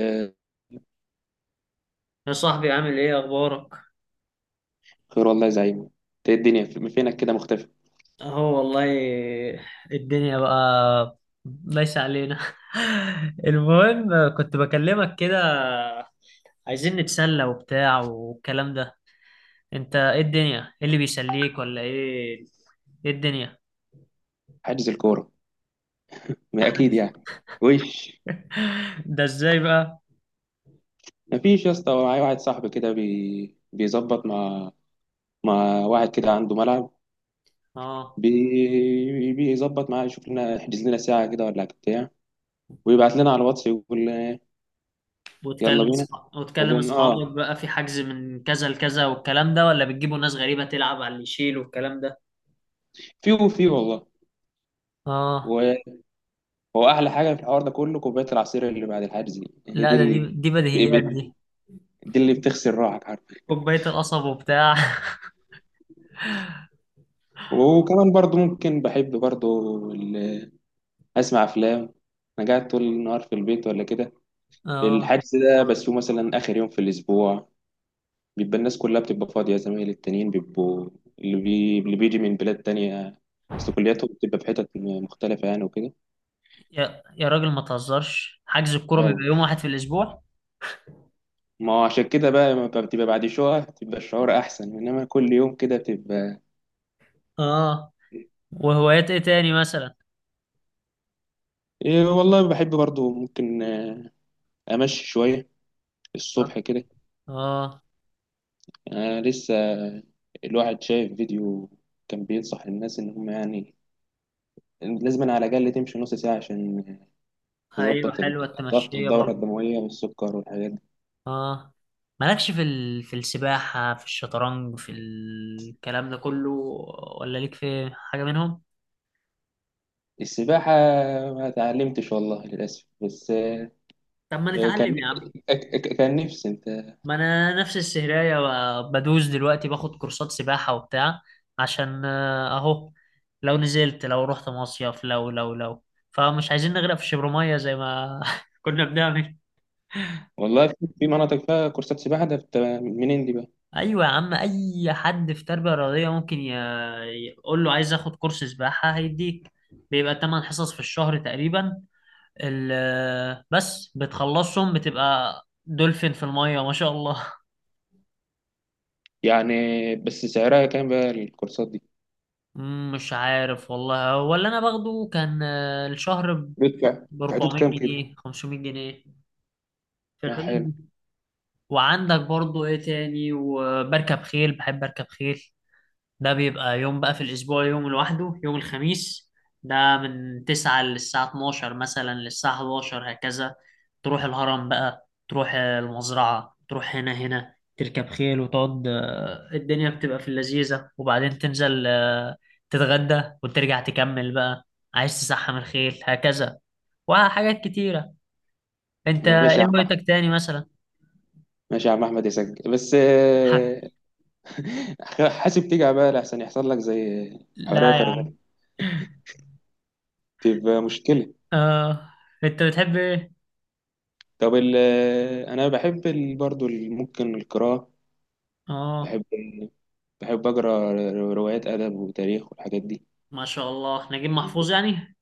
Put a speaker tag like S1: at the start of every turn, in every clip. S1: آه،
S2: يا صاحبي، عامل ايه اخبارك؟
S1: خير والله يا زعيم، انت ايه الدنيا، فينك كده مختفي؟
S2: اهو والله. الدنيا بقى، ليس علينا. المهم، كنت بكلمك كده عايزين نتسلى وبتاع والكلام ده. انت ايه الدنيا؟ ايه اللي بيسليك ولا ايه؟ ايه الدنيا؟
S1: حاجز الكوره، ما اكيد يعني. وش؟
S2: ده ازاي بقى؟
S1: مفيش يا اسطى. معايا واحد صاحبي كده بيظبط مع واحد كده عنده ملعب،
S2: اه،
S1: بيظبط معاه، يشوف لنا يحجز لنا ساعه كده ولا بتاع، ويبعت لنا على الواتس يقول. يلا
S2: وتكلم
S1: بينا.
S2: اصحابك وتكلم
S1: وبن اه
S2: اصحابك بقى في حجز من كذا لكذا والكلام ده، ولا بتجيبوا ناس غريبة تلعب على اللي يشيل والكلام ده؟
S1: في وفي والله.
S2: اه.
S1: و- هو احلى حاجه في الحوار ده كله كوبايه العصير اللي بعد الحجز دي، هي
S2: لا
S1: دي.
S2: ده دي
S1: ال...
S2: دي بديهيات.
S1: دي اللي بتغسل روحك، عارف؟
S2: كوباية القصب وبتاع.
S1: وكمان برضو ممكن، بحب برضو اسمع افلام. انا قاعد طول النهار في البيت ولا كده.
S2: اه،
S1: الحجز ده بس هو مثلا اخر يوم في الاسبوع، بيبقى الناس كلها بتبقى فاضيه، زمايلي التانيين بيبقوا اللي بيجي من بلاد تانية، اصل كلياتهم بتبقى في حتت مختلفه يعني وكده.
S2: يا راجل ما تهزرش، حجز الكورة بيبقى
S1: اه،
S2: يوم واحد في الأسبوع.
S1: ما هو عشان كده بقى ما بتبقى بعد شويه بتبقى الشعور احسن، انما كل يوم كده بتبقى.
S2: اه. وهوايات ايه تاني مثلا؟
S1: إيه والله بحب برضو ممكن امشي شويه
S2: اه.
S1: الصبح كده.
S2: اه.
S1: يعني انا لسه الواحد شايف فيديو كان بينصح الناس ان هم يعني لازم على الأقل تمشي نص ساعة عشان
S2: ايوه،
S1: تظبط
S2: حلوة
S1: الضغط
S2: التمشية
S1: والدورة
S2: برضو.
S1: الدموية والسكر والحاجات دي.
S2: اه. مالكش في السباحة، في الشطرنج، في الكلام ده كله؟ ولا ليك في حاجة منهم؟
S1: السباحة ما اتعلمتش والله للأسف، بس
S2: طب ما
S1: كان
S2: نتعلم يا عم.
S1: كان نفسي أنت
S2: ما انا نفس السهرية، بدوس دلوقتي، باخد كورسات سباحة وبتاع. عشان اهو. لو نزلت، لو رحت مصيف، لو فمش عايزين نغرق في شبر زي ما كنا بنعمل.
S1: والله. في في مناطق فيها كورسات سباحة، ده منين دي بقى
S2: ايوه يا عم، اي حد في تربية رياضية ممكن يقول له عايز اخد كورس سباحة هيديك. بيبقى 8 حصص في الشهر تقريبا. بس بتخلصهم بتبقى دولفين في المية، ما شاء الله.
S1: يعني؟ بس سعرها كام بقى الكورسات دي؟
S2: مش عارف والله. هو اللي انا باخده كان الشهر
S1: بيدفع
S2: ب
S1: في حدود
S2: 400
S1: كام كده؟
S2: جنيه 500 جنيه، في الحدود
S1: حلو.
S2: دي. وعندك برضو ايه تاني؟ وبركب خيل، بحب اركب خيل. ده بيبقى يوم بقى في الأسبوع، يوم لوحده، يوم الخميس. ده من تسعة للساعة 12 مثلا، للساعة 11 هكذا. تروح الهرم بقى، تروح المزرعة، تروح هنا هنا، تركب خيل وتقعد. الدنيا بتبقى في اللذيذة. وبعدين تنزل، تتغدى وترجع تكمل بقى. عايز تسحم الخيل هكذا وحاجات كتيرة. انت
S1: ماشي يا
S2: ايه
S1: عم أحمد.
S2: هوايتك تاني مثلا؟
S1: ماشي يا عم أحمد، يسجل بس
S2: حاجة.
S1: حاسب تيجي بقى، لأحسن يحصل لك زي حرية
S2: لا يا عم.
S1: فرغلي، تبقى مشكلة.
S2: آه. انت بتحب ايه؟
S1: طب انا بحب ممكن القراءة.
S2: اه،
S1: بحب بحب اقرا روايات، ادب وتاريخ والحاجات دي.
S2: ما شاء الله، نجيب محفوظ يعني.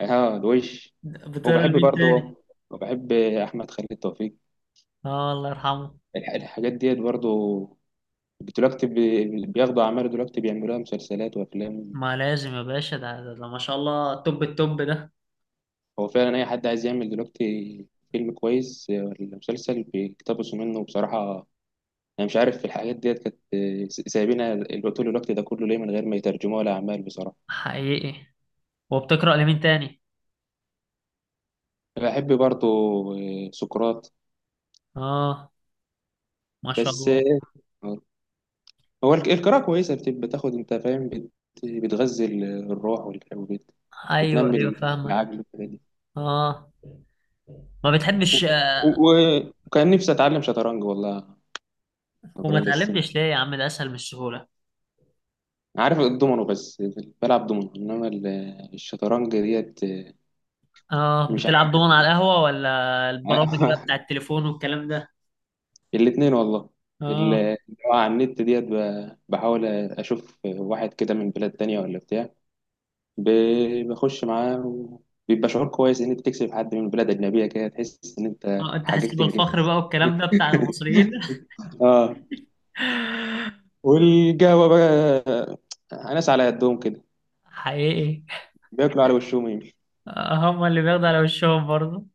S1: اه الوش.
S2: بتقرا
S1: وبحب
S2: لمين تاني؟
S1: برضو، وبحب احمد خالد توفيق.
S2: اه، الله يرحمه.
S1: الحاجات ديت برضو دلوقتي بياخدوا اعمال، دلوقتي بيعملوها مسلسلات وافلام.
S2: ما لازم يا باشا، ده ما شاء الله توب التوب ده.
S1: هو فعلا اي حد عايز يعمل دلوقتي فيلم كويس ولا مسلسل بيقتبسوا منه بصراحة. انا مش عارف الحاجات ديت كانت سايبينها طول الوقت ده كله ليه من غير ما يترجموها لاعمال بصراحة.
S2: حقيقي. وبتقرا لمين تاني؟
S1: بحب برضو سقراط.
S2: اه، ما شاء
S1: بس
S2: الله.
S1: هو القراءة كويسة، بتبقى تاخد انت فاهم بتغذي الروح
S2: ايوه، ايوه،
S1: وتنمي
S2: فاهمك.
S1: العقل والحاجات دي.
S2: اه، ما
S1: و-
S2: بتحبش.
S1: وكان نفسي اتعلم شطرنج والله يا
S2: وما
S1: ابراهيم. بس
S2: اتعلمتش ليه يا عم؟ ده اسهل من السهوله.
S1: عارف الدومينو، بس بلعب دومينو، انما الشطرنج ديت،
S2: اه،
S1: مش
S2: بتلعب
S1: عارف.
S2: دومنة على القهوه ولا البرامج بقى بتاع التليفون والكلام ده؟
S1: الاثنين والله.
S2: اه.
S1: اللي هو على النت ديت، بحاول اشوف واحد كده من بلاد تانية ولا بتاع، بخش معاه، وبيبقى شعور كويس ان انت تكسب حد من بلد اجنبيه كده، تحس ان انت
S2: اه، انت حاسس
S1: حققت
S2: بالفخر
S1: انجاز.
S2: بقى والكلام ده بتاع المصريين.
S1: اه، والقهوه بقى ناس على قدهم كده
S2: حقيقي.
S1: بياكلوا على وشهم يمشي.
S2: هم اللي بياخدوا على وشهم برضه.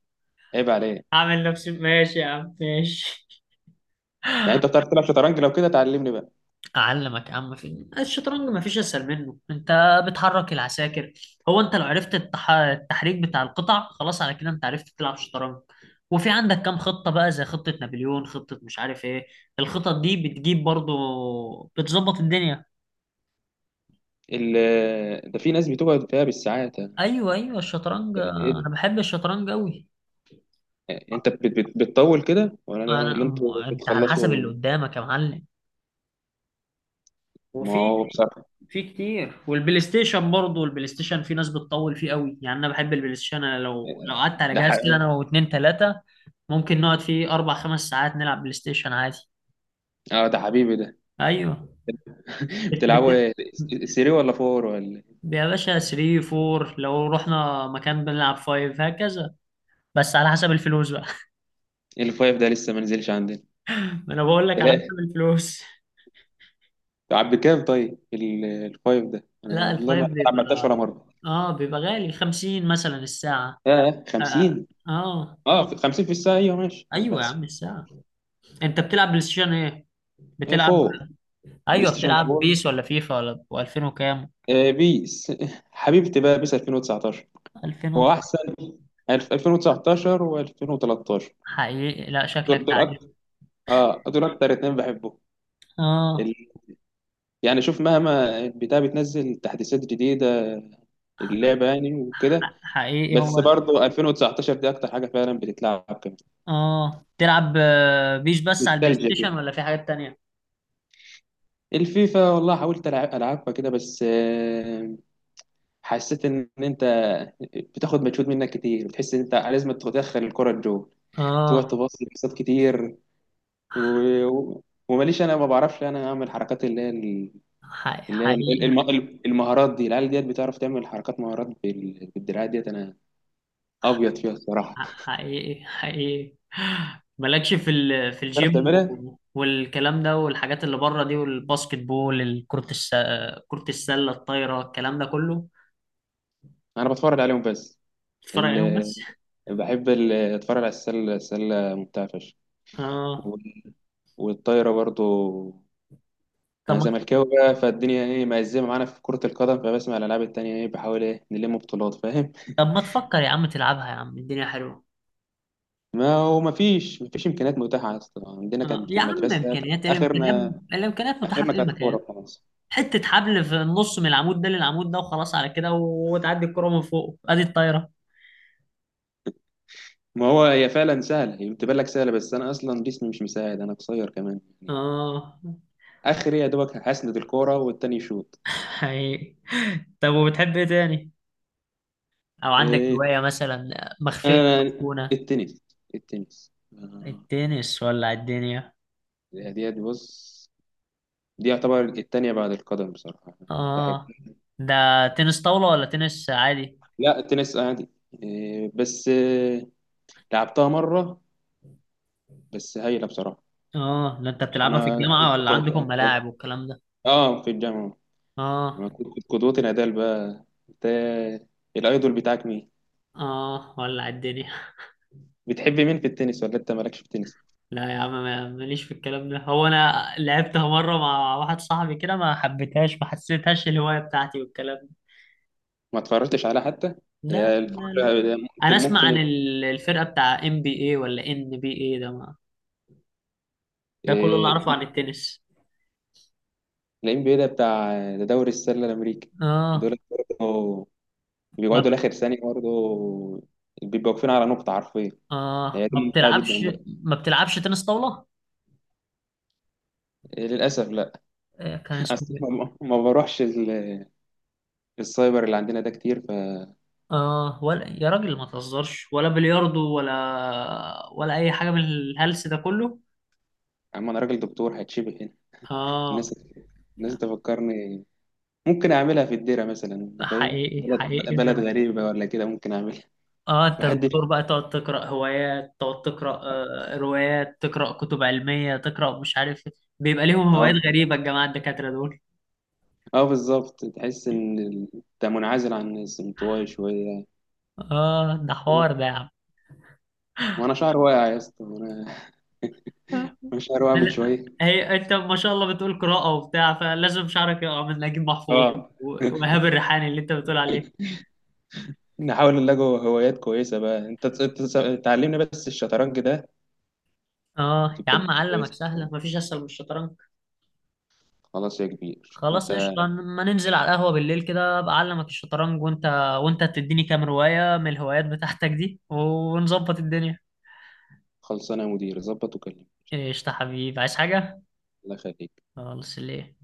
S1: عيب عليه.
S2: اعمل نفسي ماشي يا عم، ماشي.
S1: يعني انت بتعرف تلعب شطرنج؟ لو كده تعلمني بقى.
S2: اعلمك يا عم. في الشطرنج ما فيش اسهل منه. انت بتحرك العساكر. هو انت لو عرفت التحريك بتاع القطع، خلاص على كده انت عرفت تلعب شطرنج. وفي عندك كام خطة بقى، زي خطة نابليون، خطة مش عارف ايه. الخطط دي بتجيب برضه، بتظبط الدنيا.
S1: ال... ده في ناس بتقعد فيها بالساعات ده.
S2: ايوه، ايوه، الشطرنج.
S1: ايه ده،
S2: انا بحب الشطرنج قوي.
S1: انت بتطول كده ولا انتوا
S2: انت على حسب
S1: بتخلصوا؟
S2: اللي قدامك يا معلم.
S1: ما
S2: وفي
S1: هو بصراحه
S2: في كتير، والبلاي ستيشن برضه، البلاي ستيشن في ناس بتطول فيه قوي يعني، انا بحب البلاي ستيشن. انا لو قعدت على
S1: ده ح...
S2: جهاز كده انا واتنين تلاتة ممكن نقعد فيه اربع خمس ساعات نلعب بلاي ستيشن عادي.
S1: اه ده حبيبي ده.
S2: ايوه. بت...
S1: بتلعبوا
S2: بت...
S1: ايه؟ 3 ولا 4 ولا إيه؟
S2: يا باشا 3 4 لو رحنا مكان بنلعب 5 هكذا، بس على حسب الفلوس بقى.
S1: الفايف ده لسه ما نزلش عندنا.
S2: ما انا بقول لك على
S1: لا.
S2: حسب الفلوس.
S1: طب بكام طيب الفايف ده؟ انا
S2: لا
S1: والله ما
S2: الفايف
S1: ما
S2: بيبقى.
S1: عملتهاش ولا مره.
S2: اه، بيبقى غالي 50 مثلا الساعة.
S1: ياه،
S2: اه.
S1: 50؟
S2: آه.
S1: اه، 50 في الساعه، ايوه ماشي انا
S2: ايوه يا
S1: بحسب.
S2: عم الساعة. انت بتلعب بلاي ستيشن ايه؟ بتلعب.
S1: 4، بلاي
S2: ايوه،
S1: ستيشن
S2: بتلعب
S1: 4.
S2: بيس ولا فيفا ولا و2000 وكام،
S1: بيس، حبيبتي بقى، بيس 2019
S2: 2000
S1: هو احسن، 2019 و2013.
S2: حقيقي، لا شكلك
S1: دول دول اكتر.
S2: لعيب.
S1: اه دول اكتر، اتنين بحبهم.
S2: اه.
S1: ال- يعني شوف، مهما البتاع بتنزل تحديثات جديده اللعبه يعني وكده،
S2: حقيقي
S1: بس برضه 2019 دي اكتر حاجه فعلا بتتلعب كمان.
S2: اه، تلعب بيس بس على البلاي
S1: نوستالجيا
S2: ستيشن
S1: كده.
S2: ولا في حاجات تانية؟
S1: الفيفا والله حاولت ألعب ألعبها كده، بس حسيت إن أنت بتاخد مجهود منك كتير، بتحس إن أنت لازم تدخل الكرة الجول، تقعد
S2: اه.
S1: تباصي باصات كتير. و... و- وماليش، أنا ما بعرفش أنا أعمل حركات اللي هي
S2: ح- حقيقي
S1: المهارات دي. العيال ديت بتعرف تعمل حركات مهارات بالدراع ديت، أنا أبيض فيها الصراحة.
S2: حقيقي، حقيقي. مالكش في
S1: تعرف
S2: الجيم
S1: تعملها؟
S2: والكلام ده والحاجات اللي بره دي، والباسكت بول، كرة السلة، الطايرة، الكلام ده كله؟
S1: أنا بتفرج عليهم بس.
S2: تتفرج عليهم
S1: ال...
S2: بس؟
S1: بحب أتفرج على السلة، السلة ممتعة فشخ،
S2: اه.
S1: وال- والطايرة برضو.
S2: طب
S1: انا
S2: ما.
S1: زملكاوي بقى، فالدنيا ايه مأزمه معانا في كره القدم، فبسمع الالعاب التانيه ايه، بحاول ايه نلم بطولات، فاهم؟
S2: طب ما تفكر يا عم تلعبها، يا عم الدنيا حلوة.
S1: ما هو ما فيش ما فيش امكانيات متاحه اصلا عندنا. كانت في
S2: يا عم
S1: المدرسه كانت
S2: امكانيات إيه الامكانيات
S1: اخرنا،
S2: الامكانيات متاحه في
S1: اخرنا
S2: اي
S1: كانت
S2: مكان.
S1: كوره خلاص.
S2: حته حبل في النص من العمود ده للعمود ده، وخلاص على كده، وتعدي الكره من فوق، ادي الطايره.
S1: ما هو هي فعلا سهله، هي بتبان لك سهله، بس انا اصلا جسمي مش مساعد، انا قصير كمان يعني.
S2: اه،
S1: اخري يا دوبك هسند الكوره والتاني يشوط.
S2: حقيقي. طب وبتحب ايه تاني؟ او عندك
S1: إيه،
S2: هوايه مثلا مخفيه
S1: انا
S2: تكون؟
S1: التنس، التنس
S2: التنس ولا الدنيا؟
S1: دي دي بص، دي يعتبر التانية بعد القدم بصراحة يعني، بحب.
S2: اه. ده تنس طاوله ولا تنس عادي؟
S1: لا التنس عادي. إيه، بس إيه، لعبتها مرة، بس هايلة بصراحة.
S2: اه. ده انت بتلعبها في
S1: أنا أنا
S2: الجامعه
S1: كنت-
S2: ولا عندكم
S1: كنت-
S2: ملاعب والكلام ده؟
S1: آه في الجامعة.
S2: اه.
S1: أنا كنت قدوتي نادال بقى. أنت الأيدول بتاعك مين؟
S2: اه. ولا الدنيا؟
S1: بتحب مين في التنس ولا أنت مالكش في التنس؟
S2: لا يا عم، ماليش في الكلام ده. هو انا لعبتها مره مع واحد صاحبي كده، ما حبيتهاش، ما حسيتهاش الهوايه بتاعتي والكلام ده.
S1: ما اتفرجتش عليها حتى؟
S2: لا.
S1: هي
S2: لا. لا.
S1: الفرجة
S2: انا
S1: ممكن
S2: اسمع عن
S1: ممكن.
S2: الفرقه بتاع ام بي اي ولا ان بي اي ده، ما. ده كله اللي
S1: إيه،
S2: اعرفه عن التنس.
S1: ال NBA ده بتاع، ده دوري السلة الأمريكي.
S2: اه.
S1: دول برضه
S2: ما
S1: بيقعدوا لآخر ثانية برضه، بيبقوا واقفين على نقطة حرفيا.
S2: اه
S1: هي دي
S2: ما
S1: ممتعة جدا
S2: بتلعبش
S1: برضه.
S2: ما بتلعبش تنس طاوله؟
S1: للأسف لا.
S2: كان اسمه
S1: أصل
S2: ايه؟
S1: ما ما بروحش السايبر اللي عندنا ده كتير.
S2: اه. ولا يا راجل ما تهزرش؟ ولا بلياردو، ولا اي حاجه من الهلس ده كله؟
S1: فأما أنا راجل دكتور هتشبه هنا
S2: اه.
S1: الناس، الناس تفكرني. ممكن أعملها في الديرة مثلا، أنت فاهم،
S2: حقيقي، حقيقي.
S1: بلد بلد غريبة ولا كده، ممكن أعملها.
S2: اه، انت
S1: محدش.
S2: دكتور بقى، تقعد تقرا روايات، تقرا كتب علميه، تقرا مش عارف إيه. بيبقى ليهم هوايات
S1: أه،
S2: غريبه الجماعه الدكاتره دول.
S1: أه بالظبط، تحس إن أنت منعزل عن الناس، انطوائي شوية.
S2: اه، ده حوار ده يا عم.
S1: وأنا شعر واقع يا اسطى، وأنا وأنا شعر واقع من
S2: لا،
S1: شوية.
S2: هي انت ما شاء الله بتقول قراءه وبتاع، فلازم شعرك يقع من نجيب محفوظ.
S1: أه.
S2: و- وإيهاب الريحاني اللي انت بتقول عليه.
S1: نحاول نلاقي هوايات كويسة بقى، أنت تعلمني بس الشطرنج ده،
S2: اه يا
S1: وتبقى
S2: عم،
S1: الدنيا
S2: علمك
S1: كويسة.
S2: سهله، مفيش اسهل من الشطرنج.
S1: خلاص يا كبير، شوف
S2: خلاص
S1: أنت.
S2: قشطه، ما ننزل على القهوه بالليل كده، ابقى اعلمك الشطرنج، وانت تديني كام روايه من الهوايات بتاعتك دي، ونظبط الدنيا.
S1: خلصانه يا مدير، ظبط وكلمني.
S2: قشطة حبيبي، عايز حاجة؟
S1: الله يخليك.
S2: خلاص، ليه.